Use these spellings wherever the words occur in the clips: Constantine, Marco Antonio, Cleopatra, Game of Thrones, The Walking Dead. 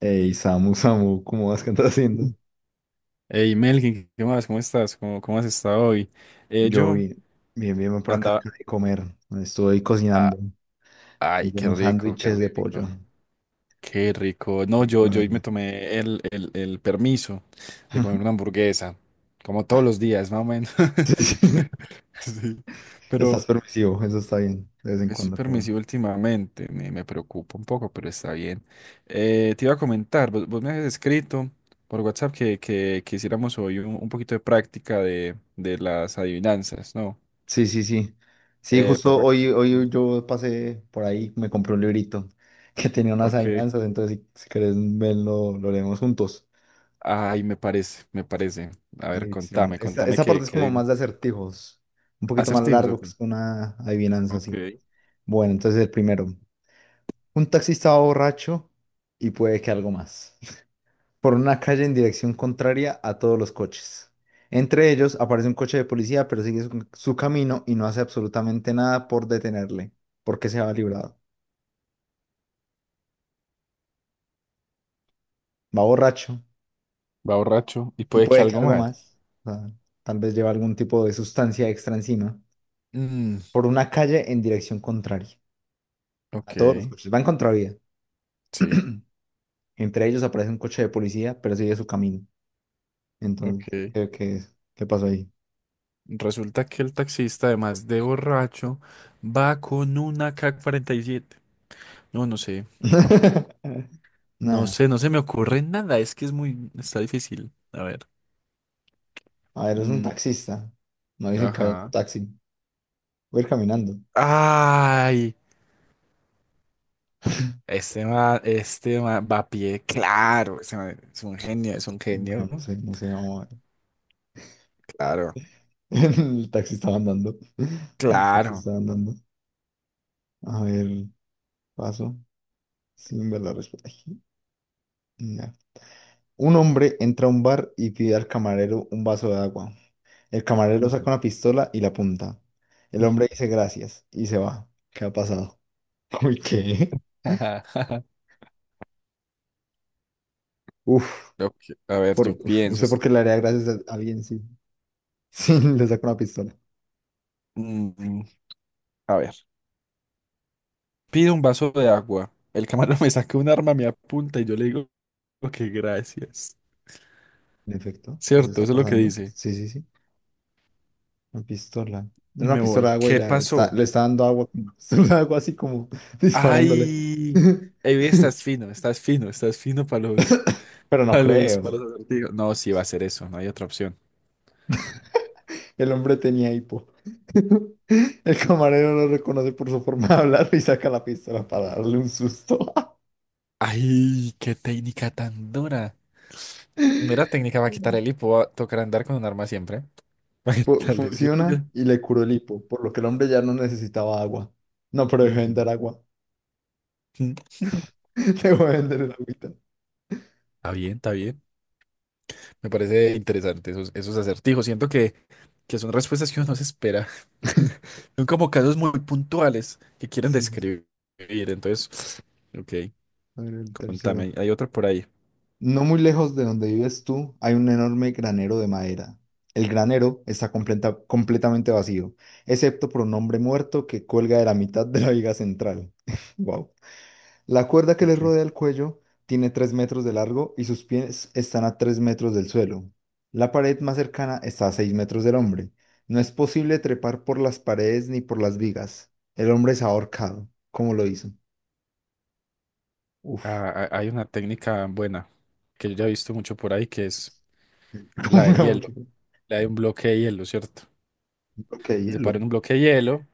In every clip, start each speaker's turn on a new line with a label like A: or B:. A: Ey, Samu, Samu, ¿cómo vas? ¿Qué andas haciendo?
B: Hey Melkin, ¿qué más? ¿Cómo estás? ¿Cómo has estado hoy?
A: Yo
B: Yo
A: bien, bien, bien, por acá,
B: andaba...
A: acabo de comer. Estoy
B: ah,
A: cocinando,
B: ay,
A: hice
B: qué
A: unos
B: rico, qué
A: sándwiches de
B: rico,
A: pollo.
B: qué rico. No,
A: Rico, la
B: yo hoy me
A: verdad.
B: tomé el permiso de comer una hamburguesa, como todos
A: Ah,
B: los días, más o menos.
A: sí, sí.
B: Sí, pero
A: Estás permisivo, eso está bien, de vez en
B: estoy
A: cuando, claro.
B: permisivo últimamente, me preocupa un poco, pero está bien. Te iba a comentar, vos me habías escrito por WhatsApp que hiciéramos hoy un poquito de práctica de las adivinanzas, ¿no?
A: Sí, sí, sí. Sí, justo
B: Papá.
A: hoy yo pasé por ahí, me compré un librito que tenía unas
B: Ok.
A: adivinanzas, entonces si querés verlo, lo leemos juntos.
B: Ay, me parece, me parece. A ver,
A: Listo. Esta,
B: contame
A: esta parte es
B: qué
A: como
B: adivinas.
A: más de acertijos, un poquito más
B: Acertijos,
A: largo
B: ok.
A: que una adivinanza, sí.
B: Ok.
A: Bueno, entonces el primero. Un taxista va borracho y puede que algo más. Por una calle en dirección contraria a todos los coches. Entre ellos aparece un coche de policía, pero sigue su camino y no hace absolutamente nada por detenerle, porque se va librado. Va borracho
B: Va borracho y
A: y
B: puede que
A: puede que
B: algo
A: algo
B: más.
A: más. O sea, tal vez lleva algún tipo de sustancia extra encima.
B: Mm,
A: Por una calle en dirección contraria a
B: ok,
A: todos los coches. Va en contravía.
B: sí,
A: Entre ellos aparece un coche de policía, pero sigue su camino. Entonces,
B: ok.
A: ¿qué pasó ahí?
B: Resulta que el taxista, además de borracho, va con una AK-47. No, no sé, no
A: Nada.
B: sé, no se me ocurre nada. Es que es muy, está difícil. A ver.
A: A ver, es un
B: Mm,
A: taxista. No dicen que hay un
B: ajá.
A: taxi. Voy a ir caminando.
B: ¡Ay! Este man va a pie, claro, ese man es un
A: Bueno,
B: genio,
A: no sé, no sé, vamos a ver.
B: claro,
A: El taxista va andando. El
B: claro.
A: taxista va andando. A ver, paso. Sin ver la respuesta. Ay, ya. Un hombre entra a un bar y pide al camarero un vaso de agua. El camarero
B: Ujú.
A: saca una pistola y la apunta. El hombre dice gracias y se va. ¿Qué ha pasado? Uy, ¿qué? Uf,
B: A ver, yo
A: no
B: pienso,
A: sé por qué le haría gracias a alguien, sí. Sí, le saca una pistola.
B: mm, a ver, pido un vaso de agua, el camarón me saca un arma, me apunta y yo le digo que gracias.
A: En efecto, eso
B: Cierto,
A: está
B: eso es lo que
A: pasando.
B: dice.
A: Sí, sí, sí. Una pistola.
B: Y
A: Una
B: me
A: pistola
B: voy.
A: de agua y
B: ¿Qué pasó?
A: le está dando agua con una pistola de agua, así como disparándole.
B: Ay, Evi, estás fino, estás fino, estás fino
A: Pero no creo.
B: para los acertijos. No, sí va a ser eso, no hay otra opción.
A: El hombre tenía hipo. El camarero no lo reconoce por su forma de hablar y saca la pistola para darle un susto.
B: Ay, qué técnica tan dura. Mira, técnica va a quitar el hipo, va a tocar andar con un arma siempre. Va a quitarle- yo- yo-
A: Funciona y le curó el hipo, por lo que el hombre ya no necesitaba agua. No, pero dejó de vender
B: Ujú.
A: agua. Dejó de vender el agüita.
B: Está bien, está bien. Me parece interesante esos acertijos. Siento que son respuestas que uno no se espera. Son como casos muy puntuales que quieren
A: Sí, sí, sí.
B: describir. Entonces, ok,
A: A ver, el tercero.
B: contame. Hay otra por ahí.
A: No muy lejos de donde vives tú hay un enorme granero de madera. El granero está completamente vacío, excepto por un hombre muerto que cuelga de la mitad de la viga central. Wow. La cuerda que le
B: Ok.
A: rodea el cuello tiene 3 metros de largo y sus pies están a 3 metros del suelo. La pared más cercana está a 6 metros del hombre. No es posible trepar por las paredes ni por las vigas. El hombre es ahorcado. ¿Cómo lo hizo? Uf,
B: Hay una técnica buena que yo ya he visto mucho por ahí que es la del
A: como
B: hielo,
A: mucho.
B: la de un bloque de hielo, ¿cierto?
A: Bloque de
B: Que se paró en
A: hielo.
B: un bloque de hielo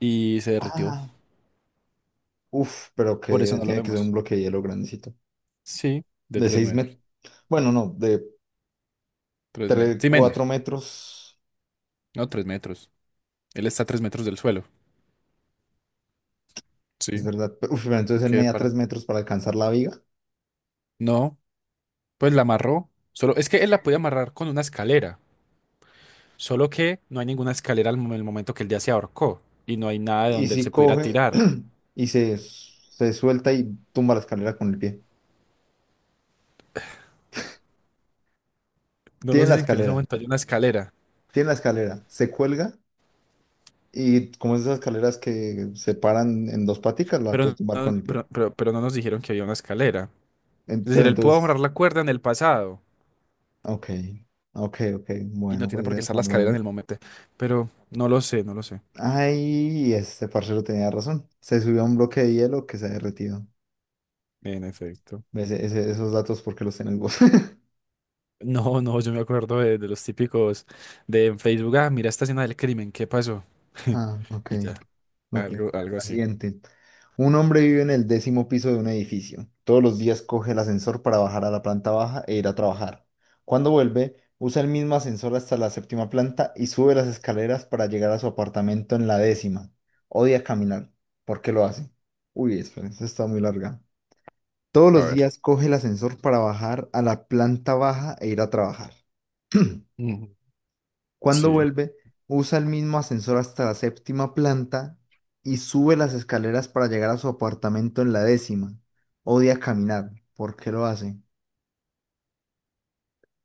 B: y se derritió.
A: Ah, uf, pero
B: Por eso
A: que
B: no lo
A: tiene que ser un
B: vemos.
A: bloque de hielo grandecito.
B: Sí, de
A: De
B: tres
A: 6
B: metros.
A: metros. Bueno, no, de
B: Tres metros.
A: 3,
B: Sí,
A: 4
B: menos.
A: metros.
B: No, tres metros. Él está a tres metros del suelo. Sí,
A: Es verdad. Uf, pero entonces él
B: qué
A: media
B: para.
A: 3 metros para alcanzar la viga.
B: No, pues la amarró. Solo, es que él la puede amarrar con una escalera. Solo que no hay ninguna escalera el momento que él ya se ahorcó. Y no hay nada de
A: Y
B: donde él
A: si
B: se pudiera
A: coge
B: tirar.
A: y se suelta y tumba la escalera con el pie.
B: No
A: Tiene
B: nos
A: la
B: dicen que en ese
A: escalera,
B: momento hay una escalera.
A: tiene la escalera. Se cuelga, y como es esas escaleras que se paran en dos paticas, la
B: Pero
A: puede tumbar con
B: no,
A: el pie.
B: no nos dijeron que había una escalera. Es decir,
A: Pero
B: él pudo
A: entonces,
B: amarrar la cuerda en el pasado.
A: ok, ok, ok.
B: Y no
A: Bueno,
B: tiene
A: puede
B: por qué
A: ser.
B: estar la
A: Vamos a
B: escalera en el
A: ver.
B: momento. Pero no lo sé, no lo sé.
A: Ay, este parcero tenía razón. Se subió a un bloque de hielo que se ha derretido.
B: En efecto.
A: ¿Ves? Esos datos, ¿porque los tenés vos?
B: No, no, yo me acuerdo de los típicos de en Facebook. Ah, mira esta escena del crimen, ¿qué pasó?
A: Ah, ok,
B: Y ya.
A: ok. Bueno,
B: Algo
A: la
B: así.
A: siguiente. Un hombre vive en el décimo piso de un edificio. Todos los días coge el ascensor para bajar a la planta baja e ir a trabajar. Cuando vuelve, usa el mismo ascensor hasta la séptima planta y sube las escaleras para llegar a su apartamento en la décima. Odia caminar. ¿Por qué lo hace? Uy, espera, esta está muy larga. Todos
B: A
A: los
B: ver.
A: días coge el ascensor para bajar a la planta baja e ir a trabajar.
B: Ujú.
A: Cuando
B: Sí,
A: vuelve, usa el mismo ascensor hasta la séptima planta y sube las escaleras para llegar a su apartamento en la décima. Odia caminar. ¿Por qué lo hace?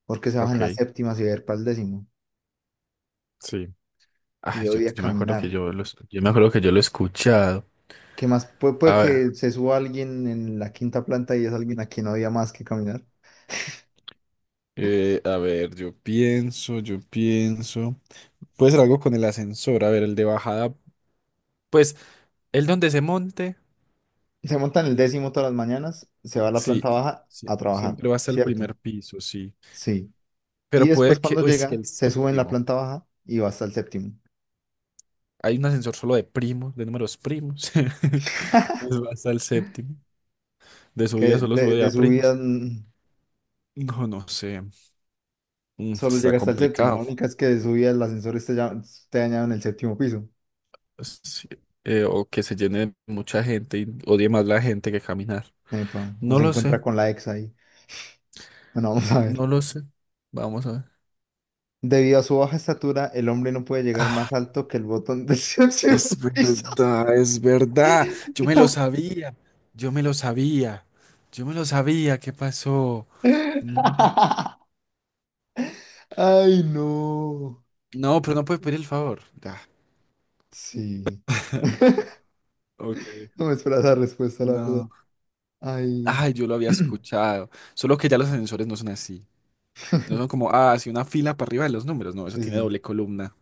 A: Porque se baja en
B: ok,
A: la séptima si ver para el décimo.
B: sí.
A: Y
B: Ay,
A: odia caminar.
B: yo me acuerdo que yo lo he escuchado.
A: ¿Qué más? Puede
B: A ver.
A: que se suba alguien en la quinta planta y es alguien a quien odia más que caminar.
B: A ver, yo pienso. Puede ser algo con el ascensor, a ver, el de bajada. Pues, el donde se monte.
A: Se monta en el décimo todas las mañanas, se va a la
B: Sí,
A: planta baja
B: sí,
A: a trabajar,
B: siempre va hasta el
A: ¿cierto?
B: primer piso, sí.
A: Sí. Y
B: Pero
A: después
B: puede que,
A: cuando
B: uy, es que
A: llega,
B: el
A: se sube en la
B: séptimo.
A: planta baja y va hasta el séptimo.
B: Hay un ascensor solo de primos, de números primos. Pues va hasta el séptimo. De
A: Que
B: subida solo
A: de,
B: sube de
A: de
B: a
A: subida
B: primos.
A: mm,
B: No, no sé.
A: solo
B: Está
A: llega hasta el séptimo. La
B: complicado.
A: única es que de subida el ascensor está dañado en el séptimo piso.
B: Pues, sí, o que se llene de mucha gente y odie más la gente que caminar.
A: Epa, o
B: No
A: se
B: lo sé,
A: encuentra con la ex ahí. Bueno, vamos a ver.
B: no lo sé. Vamos a ver.
A: Debido a su baja estatura, el hombre no puede llegar
B: Ah,
A: más alto que el botón del séptimo
B: Es
A: piso.
B: verdad, es verdad. Yo me lo sabía, yo me lo sabía, yo me lo sabía. ¿Qué pasó? No,
A: Ay, no.
B: no, pero no puede pedir el favor. Ya.
A: Sí.
B: Ok.
A: No me esperaba esa respuesta, la verdad.
B: No.
A: Ay.
B: Ay, yo lo había escuchado. Solo que ya los ascensores no son así. No son como, así una fila para arriba de los números. No, eso
A: Sí,
B: tiene
A: sí.
B: doble columna.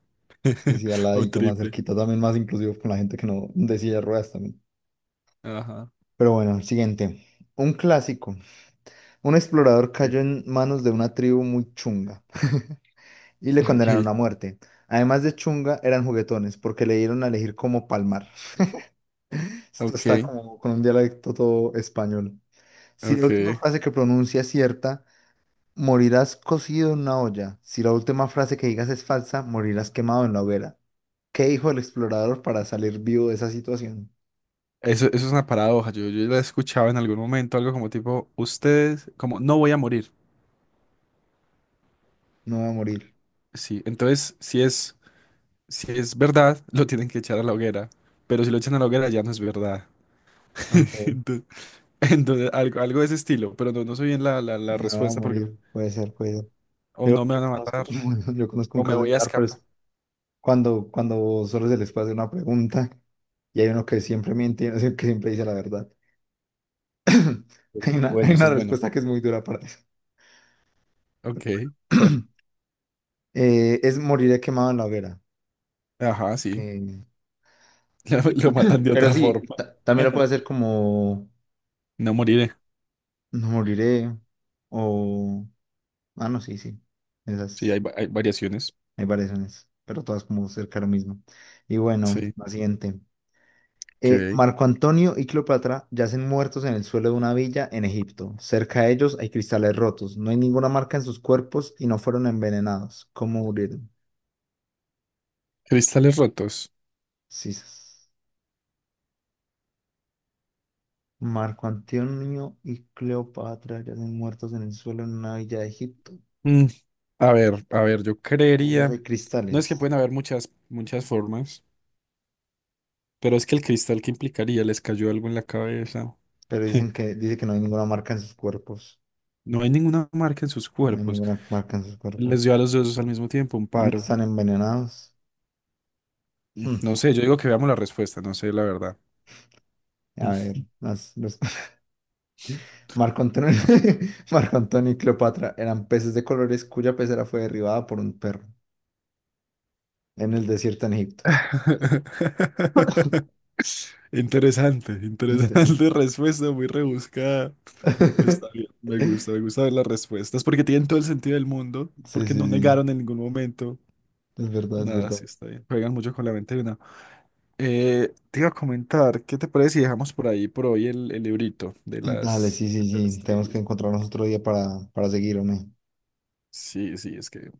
A: Sí, sí, al
B: O
A: ladito, más
B: triple.
A: cerquita, también más inclusivo con la gente que no de silla de ruedas también.
B: Ajá.
A: Pero bueno, el siguiente. Un clásico. Un explorador
B: Sí.
A: cayó en manos de una tribu muy chunga y le condenaron a muerte. Además de chunga, eran juguetones porque le dieron a elegir cómo palmar. Esto
B: Ok,
A: está como con un dialecto todo español.
B: ok.
A: Si la última
B: Ok.
A: frase que pronuncia es cierta, morirás cocido en una olla. Si la última frase que digas es falsa, morirás quemado en la hoguera. ¿Qué dijo el explorador para salir vivo de esa situación?
B: Eso es una paradoja. Yo la he escuchado en algún momento, algo como tipo, ustedes, como, no voy a morir.
A: No va a morir.
B: Sí, entonces, si es verdad, lo tienen que echar a la hoguera. Pero si lo echan a la hoguera, ya no es verdad.
A: Ok,
B: Entonces, algo de ese estilo, pero no, no sé bien la
A: me va a
B: respuesta porque no-
A: morir, puede ser, puede ser.
B: o
A: Yo,
B: no me
A: yo
B: van a
A: conozco,
B: matar
A: bueno, yo conozco un
B: o me
A: caso
B: voy a
A: similar, pero
B: escapar.
A: es cuando solo se les puede hacer una pregunta y hay uno que siempre miente, y uno que siempre dice la verdad. Hay una,
B: Bueno,
A: hay
B: ese
A: una
B: es bueno.
A: respuesta que es muy dura para eso.
B: Ok, bueno,
A: Es moriré quemado en la hoguera.
B: ajá, sí.
A: Eh,
B: Ya lo matan de
A: pero
B: otra
A: sí,
B: forma.
A: también lo puede hacer como
B: No moriré.
A: no moriré o... Ah, no, sí, sí.
B: Sí,
A: Esas,
B: hay variaciones.
A: hay variaciones, pero todas como cerca de lo mismo. Y bueno,
B: Sí,
A: la siguiente.
B: ok.
A: Marco Antonio y Cleopatra yacen muertos en el suelo de una villa en Egipto. Cerca de ellos hay cristales rotos. No hay ninguna marca en sus cuerpos y no fueron envenenados. ¿Cómo murieron?
B: Cristales rotos.
A: Sí, sí, sí. Marco Antonio y Cleopatra yacen muertos en el suelo en una villa de Egipto.
B: Mm, a ver, yo
A: Ellos
B: creería.
A: hay
B: No es que
A: cristales,
B: pueden haber muchas, muchas formas, pero es que el cristal que implicaría les cayó algo en la cabeza.
A: pero dice que no hay ninguna marca en sus cuerpos.
B: No hay ninguna marca en sus
A: No hay
B: cuerpos.
A: ninguna marca en sus
B: Les dio
A: cuerpos.
B: a los dos al mismo tiempo un
A: Y no
B: paro.
A: están envenenados. Hmm.
B: No sé, yo digo que veamos la respuesta, no sé la verdad.
A: A ver, los Marco Antonio, Marco Antonio y Cleopatra eran peces de colores cuya pecera fue derribada por un perro en el desierto en Egipto.
B: Interesante,
A: Entiendo.
B: interesante respuesta, muy rebuscada. Pues está bien, me gusta ver las respuestas porque tienen todo el sentido del mundo,
A: Sí,
B: porque
A: sí,
B: no
A: sí.
B: negaron en ningún momento.
A: Es verdad, es
B: Nada,
A: verdad.
B: sí está bien. Juegan mucho con la mente de una. Te iba a comentar, ¿qué te parece si dejamos por ahí por hoy el librito
A: Dale, sí, sí,
B: de las
A: sí. Tenemos que
B: trivias?
A: encontrarnos otro día para seguir, hombre.
B: Sí, sí, es que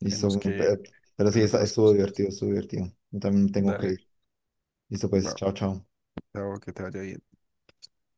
A: Listo,
B: tenemos
A: hombre.
B: que
A: Pero sí,
B: hacer otras
A: estuvo
B: cositas.
A: divertido, estuvo divertido. Yo también tengo que
B: Dale,
A: ir. Listo, pues.
B: va,
A: Chao, chao.
B: chao, que te vaya bien.